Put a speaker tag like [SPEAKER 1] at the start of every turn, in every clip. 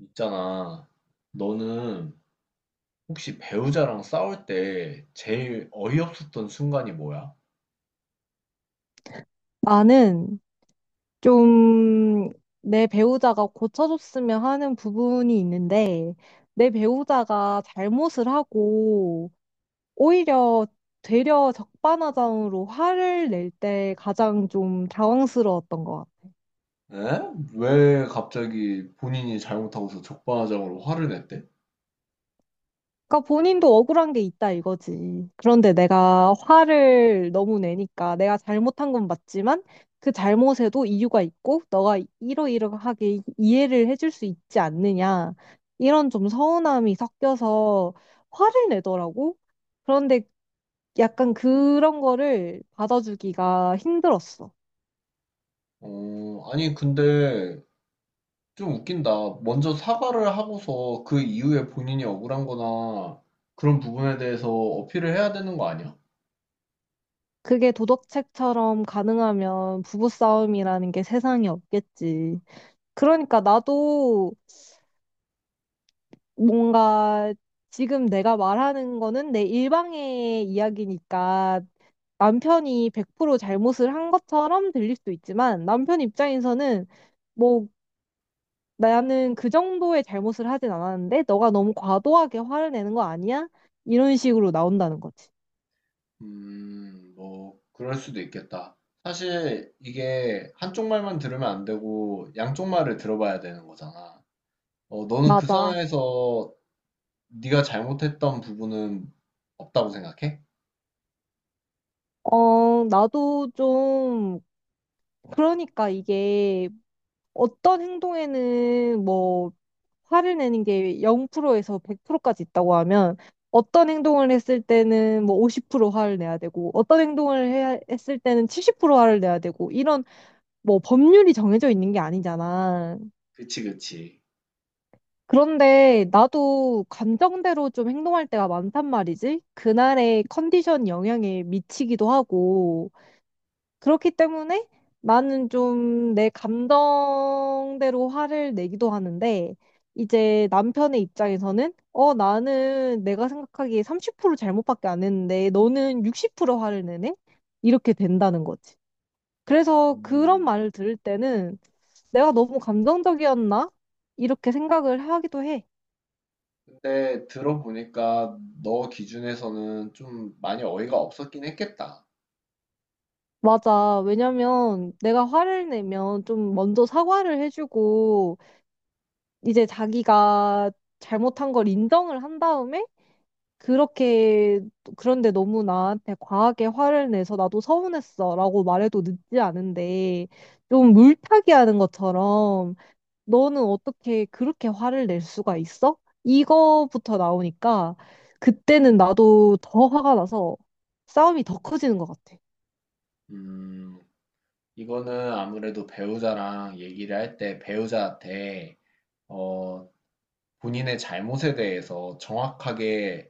[SPEAKER 1] 있잖아. 너는 혹시 배우자랑 싸울 때 제일 어이없었던 순간이 뭐야?
[SPEAKER 2] 나는 좀 내 배우자가 고쳐줬으면 하는 부분이 있는데, 내 배우자가 잘못을 하고, 오히려 되려 적반하장으로 화를 낼 때 가장 좀 당황스러웠던 것 같아.
[SPEAKER 1] 에? 왜 갑자기 본인이 잘못하고서 적반하장으로 화를 냈대?
[SPEAKER 2] 그러니까 본인도 억울한 게 있다 이거지. 그런데 내가 화를 너무 내니까 내가 잘못한 건 맞지만 그 잘못에도 이유가 있고 너가 이러이러하게 이해를 해줄 수 있지 않느냐. 이런 좀 서운함이 섞여서 화를 내더라고. 그런데 약간 그런 거를 받아주기가 힘들었어.
[SPEAKER 1] 아니, 근데 좀 웃긴다. 먼저 사과를 하고서 그 이후에 본인이 억울한 거나 그런 부분에 대해서 어필을 해야 되는 거 아니야?
[SPEAKER 2] 그게 도덕책처럼 가능하면 부부싸움이라는 게 세상에 없겠지. 그러니까 나도 뭔가 지금 내가 말하는 거는 내 일방의 이야기니까 남편이 100% 잘못을 한 것처럼 들릴 수도 있지만 남편 입장에서는 뭐 나는 그 정도의 잘못을 하진 않았는데 너가 너무 과도하게 화를 내는 거 아니야? 이런 식으로 나온다는 거지.
[SPEAKER 1] 뭐, 그럴 수도 있겠다. 사실 이게 한쪽 말만 들으면 안 되고 양쪽 말을 들어봐야 되는 거잖아. 어, 너는 그
[SPEAKER 2] 맞아.
[SPEAKER 1] 상황에서 네가 잘못했던 부분은 없다고 생각해?
[SPEAKER 2] 어, 나도 좀, 그러니까 이게 어떤 행동에는 뭐 화를 내는 게 0%에서 100%까지 있다고 하면 어떤 행동을 했을 때는 뭐 50% 화를 내야 되고 어떤 행동을 해야, 했을 때는 70% 화를 내야 되고 이런 뭐 법률이 정해져 있는 게 아니잖아.
[SPEAKER 1] 그치, 그치.
[SPEAKER 2] 그런데 나도 감정대로 좀 행동할 때가 많단 말이지. 그날의 컨디션 영향에 미치기도 하고 그렇기 때문에 나는 좀 내 감정대로 화를 내기도 하는데, 이제 남편의 입장에서는, 어, 나는 내가 생각하기에 30% 잘못밖에 안 했는데, 너는 60% 화를 내네? 이렇게 된다는 거지. 그래서 그런
[SPEAKER 1] 음.
[SPEAKER 2] 말을 들을 때는, 내가 너무 감정적이었나? 이렇게 생각을 하기도 해.
[SPEAKER 1] 근데 들어보니까 너 기준에서는 좀 많이 어이가 없었긴 했겠다.
[SPEAKER 2] 맞아. 왜냐면 내가 화를 내면 좀 먼저 사과를 해주고, 이제 자기가 잘못한 걸 인정을 한 다음에 그렇게 그런데 너무 나한테 과하게 화를 내서 나도 서운했어라고 말해도 늦지 않은데 좀 물타기 하는 것처럼 너는 어떻게 그렇게 화를 낼 수가 있어? 이거부터 나오니까 그때는 나도 더 화가 나서 싸움이 더 커지는 것 같아.
[SPEAKER 1] 음, 이거는 아무래도 배우자랑 얘기를 할 때 배우자한테 어, 본인의 잘못에 대해서 정확하게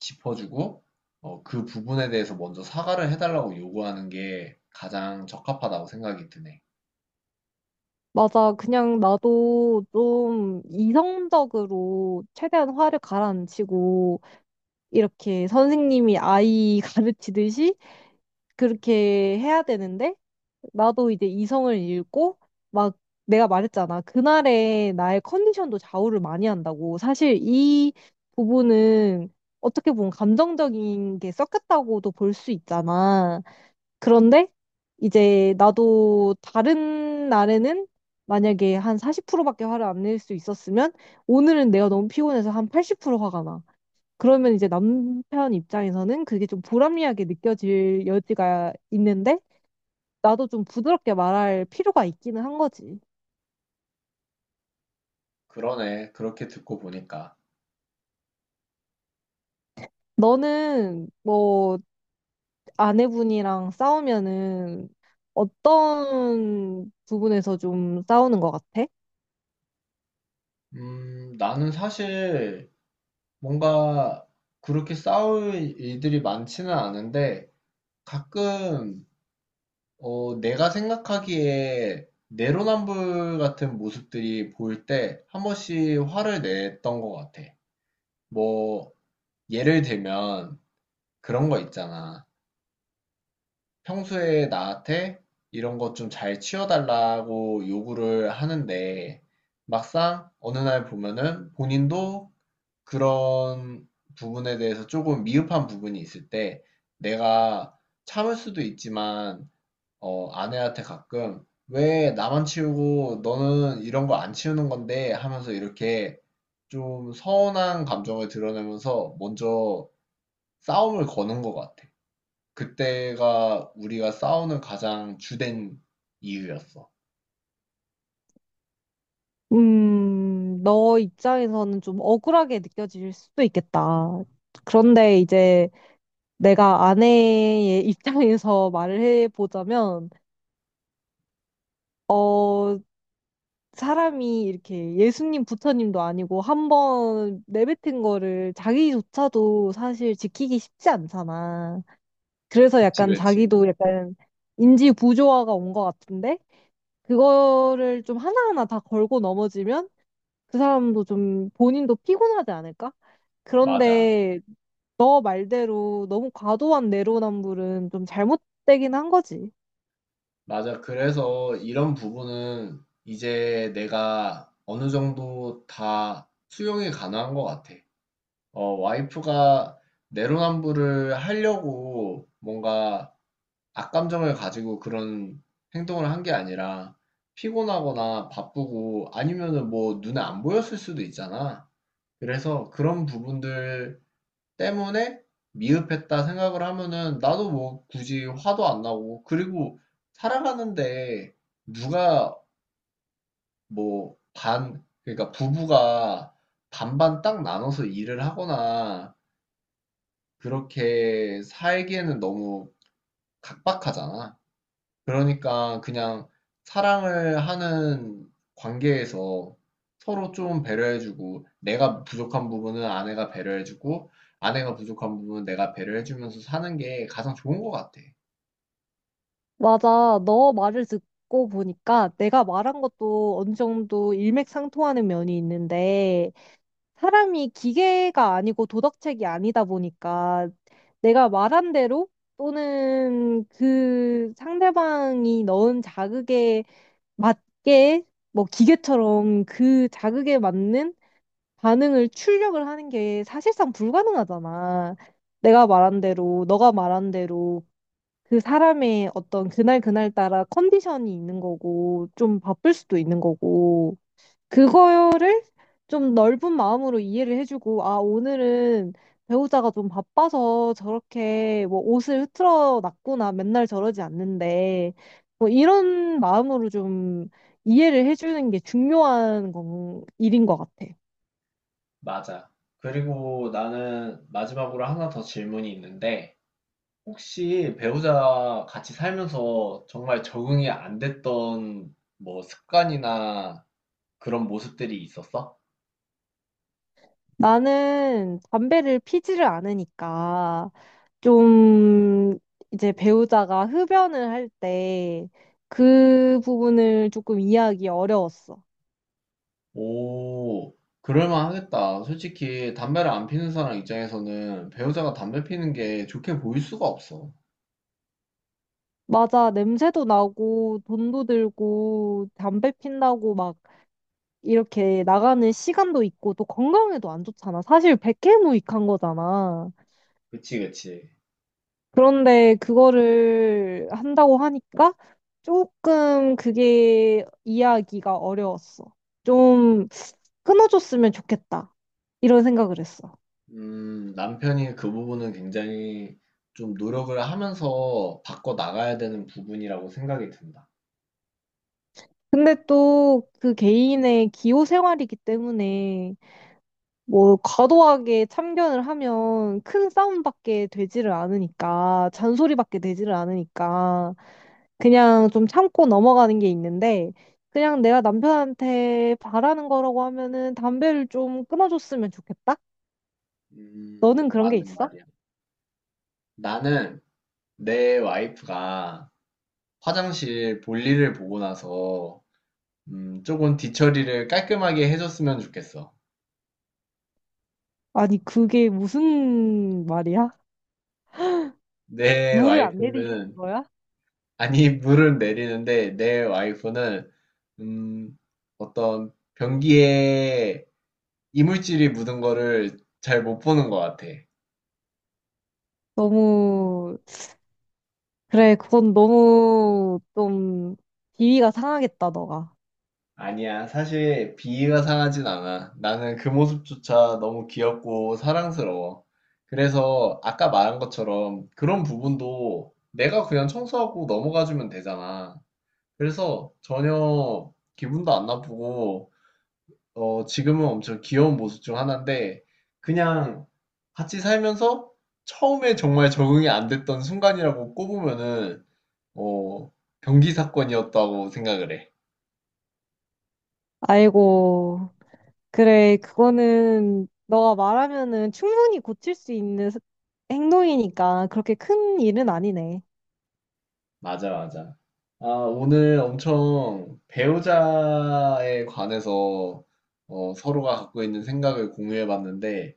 [SPEAKER 1] 짚어주고 어, 그 부분에 대해서 먼저 사과를 해달라고 요구하는 게 가장 적합하다고 생각이 드네.
[SPEAKER 2] 맞아. 그냥 나도 좀 이성적으로 최대한 화를 가라앉히고 이렇게 선생님이 아이 가르치듯이 그렇게 해야 되는데, 나도 이제 이성을 잃고, 막 내가 말했잖아. 그날의 나의 컨디션도 좌우를 많이 한다고. 사실 이 부분은 어떻게 보면 감정적인 게 섞였다고도 볼 수 있잖아. 그런데 이제 나도 다른 날에는 만약에 한 40%밖에 화를 안 낼 수 있었으면, 오늘은 내가 너무 피곤해서 한 80% 화가 나. 그러면 이제 남편 입장에서는 그게 좀 불합리하게 느껴질 여지가 있는데, 나도 좀 부드럽게 말할 필요가 있기는 한 거지.
[SPEAKER 1] 그러네. 그렇게 듣고 보니까.
[SPEAKER 2] 너는 뭐 아내분이랑 싸우면은 어떤 부분에서 좀 싸우는 것 같아?
[SPEAKER 1] 나는 사실 뭔가 그렇게 싸울 일들이 많지는 않은데 가끔 어, 내가 생각하기에 내로남불 같은 모습들이 보일 때 한 번씩 화를 냈던 것 같아. 뭐, 예를 들면 그런 거 있잖아. 평소에 나한테 이런 것 좀 잘 치워달라고 요구를 하는데 막상 어느 날 보면은 본인도 그런 부분에 대해서 조금 미흡한 부분이 있을 때 내가 참을 수도 있지만 어, 아내한테 가끔 왜 나만 치우고 너는 이런 거 안 치우는 건데 하면서 이렇게 좀 서운한 감정을 드러내면서 먼저 싸움을 거는 것 같아. 그때가 우리가 싸우는 가장 주된 이유였어.
[SPEAKER 2] 너 입장에서는 좀 억울하게 느껴질 수도 있겠다. 그런데 이제 내가 아내의 입장에서 말을 해보자면, 어, 사람이 이렇게 예수님, 부처님도 아니고 한번 내뱉은 거를 자기조차도 사실 지키기 쉽지 않잖아. 그래서
[SPEAKER 1] 그치,
[SPEAKER 2] 약간
[SPEAKER 1] 그치.
[SPEAKER 2] 자기도 약간 인지 부조화가 온 것 같은데 그거를 좀 하나하나 다 걸고 넘어지면 그 사람도 좀 본인도 피곤하지 않을까?
[SPEAKER 1] 맞아.
[SPEAKER 2] 그런데 너 말대로 너무 과도한 내로남불은 좀 잘못되긴 한 거지.
[SPEAKER 1] 맞아. 그래서 이런 부분은 이제 내가 어느 정도 다 수용이 가능한 것 같아. 어, 와이프가 내로남불을 하려고 뭔가 악감정을 가지고 그런 행동을 한게 아니라 피곤하거나 바쁘고 아니면은 뭐 눈에 안 보였을 수도 있잖아. 그래서 그런 부분들 때문에 미흡했다 생각을 하면은 나도 뭐 굳이 화도 안 나고 그리고 살아가는데 누가 뭐 반, 그러니까 부부가 반반 딱 나눠서 일을 하거나 그렇게 살기에는 너무 각박하잖아. 그러니까 그냥 사랑을 하는 관계에서 서로 좀 배려해주고 내가 부족한 부분은 아내가 배려해주고 아내가 부족한 부분은 내가 배려해주면서 사는 게 가장 좋은 것 같아.
[SPEAKER 2] 맞아. 너 말을 듣고 보니까 내가 말한 것도 어느 정도 일맥상통하는 면이 있는데 사람이 기계가 아니고 도덕책이 아니다 보니까 내가 말한 대로 또는 그 상대방이 넣은 자극에 맞게 뭐 기계처럼 그 자극에 맞는 반응을 출력을 하는 게 사실상 불가능하잖아. 내가 말한 대로, 너가 말한 대로 그 사람의 어떤 그날 그날 따라 컨디션이 있는 거고, 좀 바쁠 수도 있는 거고, 그거를 좀 넓은 마음으로 이해를 해주고, 아, 오늘은 배우자가 좀 바빠서 저렇게 뭐 옷을 흐트러 놨구나, 맨날 저러지 않는데, 뭐 이런 마음으로 좀 이해를 해주는 게 중요한 건, 일인 것 같아.
[SPEAKER 1] 맞아. 그리고 나는 마지막으로 하나 더 질문이 있는데, 혹시 배우자 같이 살면서 정말 적응이 안 됐던 뭐 습관이나 그런 모습들이 있었어?
[SPEAKER 2] 나는 담배를 피지를 않으니까 좀 이제 배우자가 흡연을 할 때 그 부분을 조금 이해하기 어려웠어.
[SPEAKER 1] 오, 그럴만 하겠다. 솔직히 담배를 안 피는 사람 입장에서는 배우자가 담배 피는 게 좋게 보일 수가 없어.
[SPEAKER 2] 맞아, 냄새도 나고 돈도 들고 담배 핀다고 막 이렇게 나가는 시간도 있고 또 건강에도 안 좋잖아. 사실 백해무익한 거잖아.
[SPEAKER 1] 그치, 그치.
[SPEAKER 2] 그런데 그거를 한다고 하니까 조금 그게 이해하기가 어려웠어. 좀 끊어줬으면 좋겠다. 이런 생각을 했어.
[SPEAKER 1] 남편이 그 부분은 굉장히 좀 노력을 하면서 바꿔 나가야 되는 부분이라고 생각이 든다.
[SPEAKER 2] 근데 또 그 개인의 기호 생활이기 때문에 뭐 과도하게 참견을 하면 큰 싸움밖에 되지를 않으니까 잔소리밖에 되지를 않으니까 그냥 좀 참고 넘어가는 게 있는데 그냥 내가 남편한테 바라는 거라고 하면은 담배를 좀 끊어줬으면 좋겠다? 너는 그런 게
[SPEAKER 1] 맞는
[SPEAKER 2] 있어?
[SPEAKER 1] 말이야. 나는 내 와이프가 화장실 볼일을 보고 나서 조금 뒤처리를 깔끔하게 해줬으면 좋겠어.
[SPEAKER 2] 아니 그게 무슨 말이야?
[SPEAKER 1] 내
[SPEAKER 2] 물을 안 내리시는
[SPEAKER 1] 와이프는
[SPEAKER 2] 거야?
[SPEAKER 1] 아니, 물을 내리는데 내 와이프는 음, 어떤 변기에 이물질이 묻은 거를 잘 못 보는 것 같아.
[SPEAKER 2] 너무 그래 그건 너무 좀 비위가 상하겠다 너가
[SPEAKER 1] 아니야, 사실 비위가 상하진 않아. 나는 그 모습조차 너무 귀엽고 사랑스러워. 그래서 아까 말한 것처럼 그런 부분도 내가 그냥 청소하고 넘어가주면 되잖아. 그래서 전혀 기분도 안 나쁘고 어, 지금은 엄청 귀여운 모습 중 하나인데, 그냥 같이 살면서 처음에 정말 적응이 안 됐던 순간이라고 꼽으면은, 어, 변기 사건이었다고 생각을 해.
[SPEAKER 2] 아이고 그래, 그거는 너가 말하면은 충분히 고칠 수 있는 행동이니까 그렇게 큰 일은 아니네.
[SPEAKER 1] 맞아, 맞아. 아, 오늘 엄청 배우자에 관해서 어, 서로가 갖고 있는 생각을 공유해 봤는데,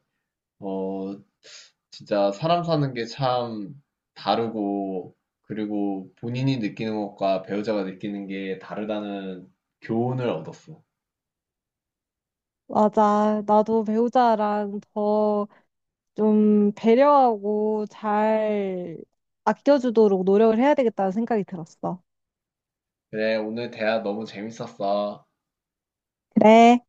[SPEAKER 1] 어, 진짜 사람 사는 게 참 다르고, 그리고 본인이 느끼는 것과 배우자가 느끼는 게 다르다는 교훈을 얻었어.
[SPEAKER 2] 맞아. 나도 배우자랑 더 좀 배려하고 잘 아껴주도록 노력을 해야 되겠다는 생각이 들었어.
[SPEAKER 1] 그래, 오늘 대화 너무 재밌었어.
[SPEAKER 2] 그래.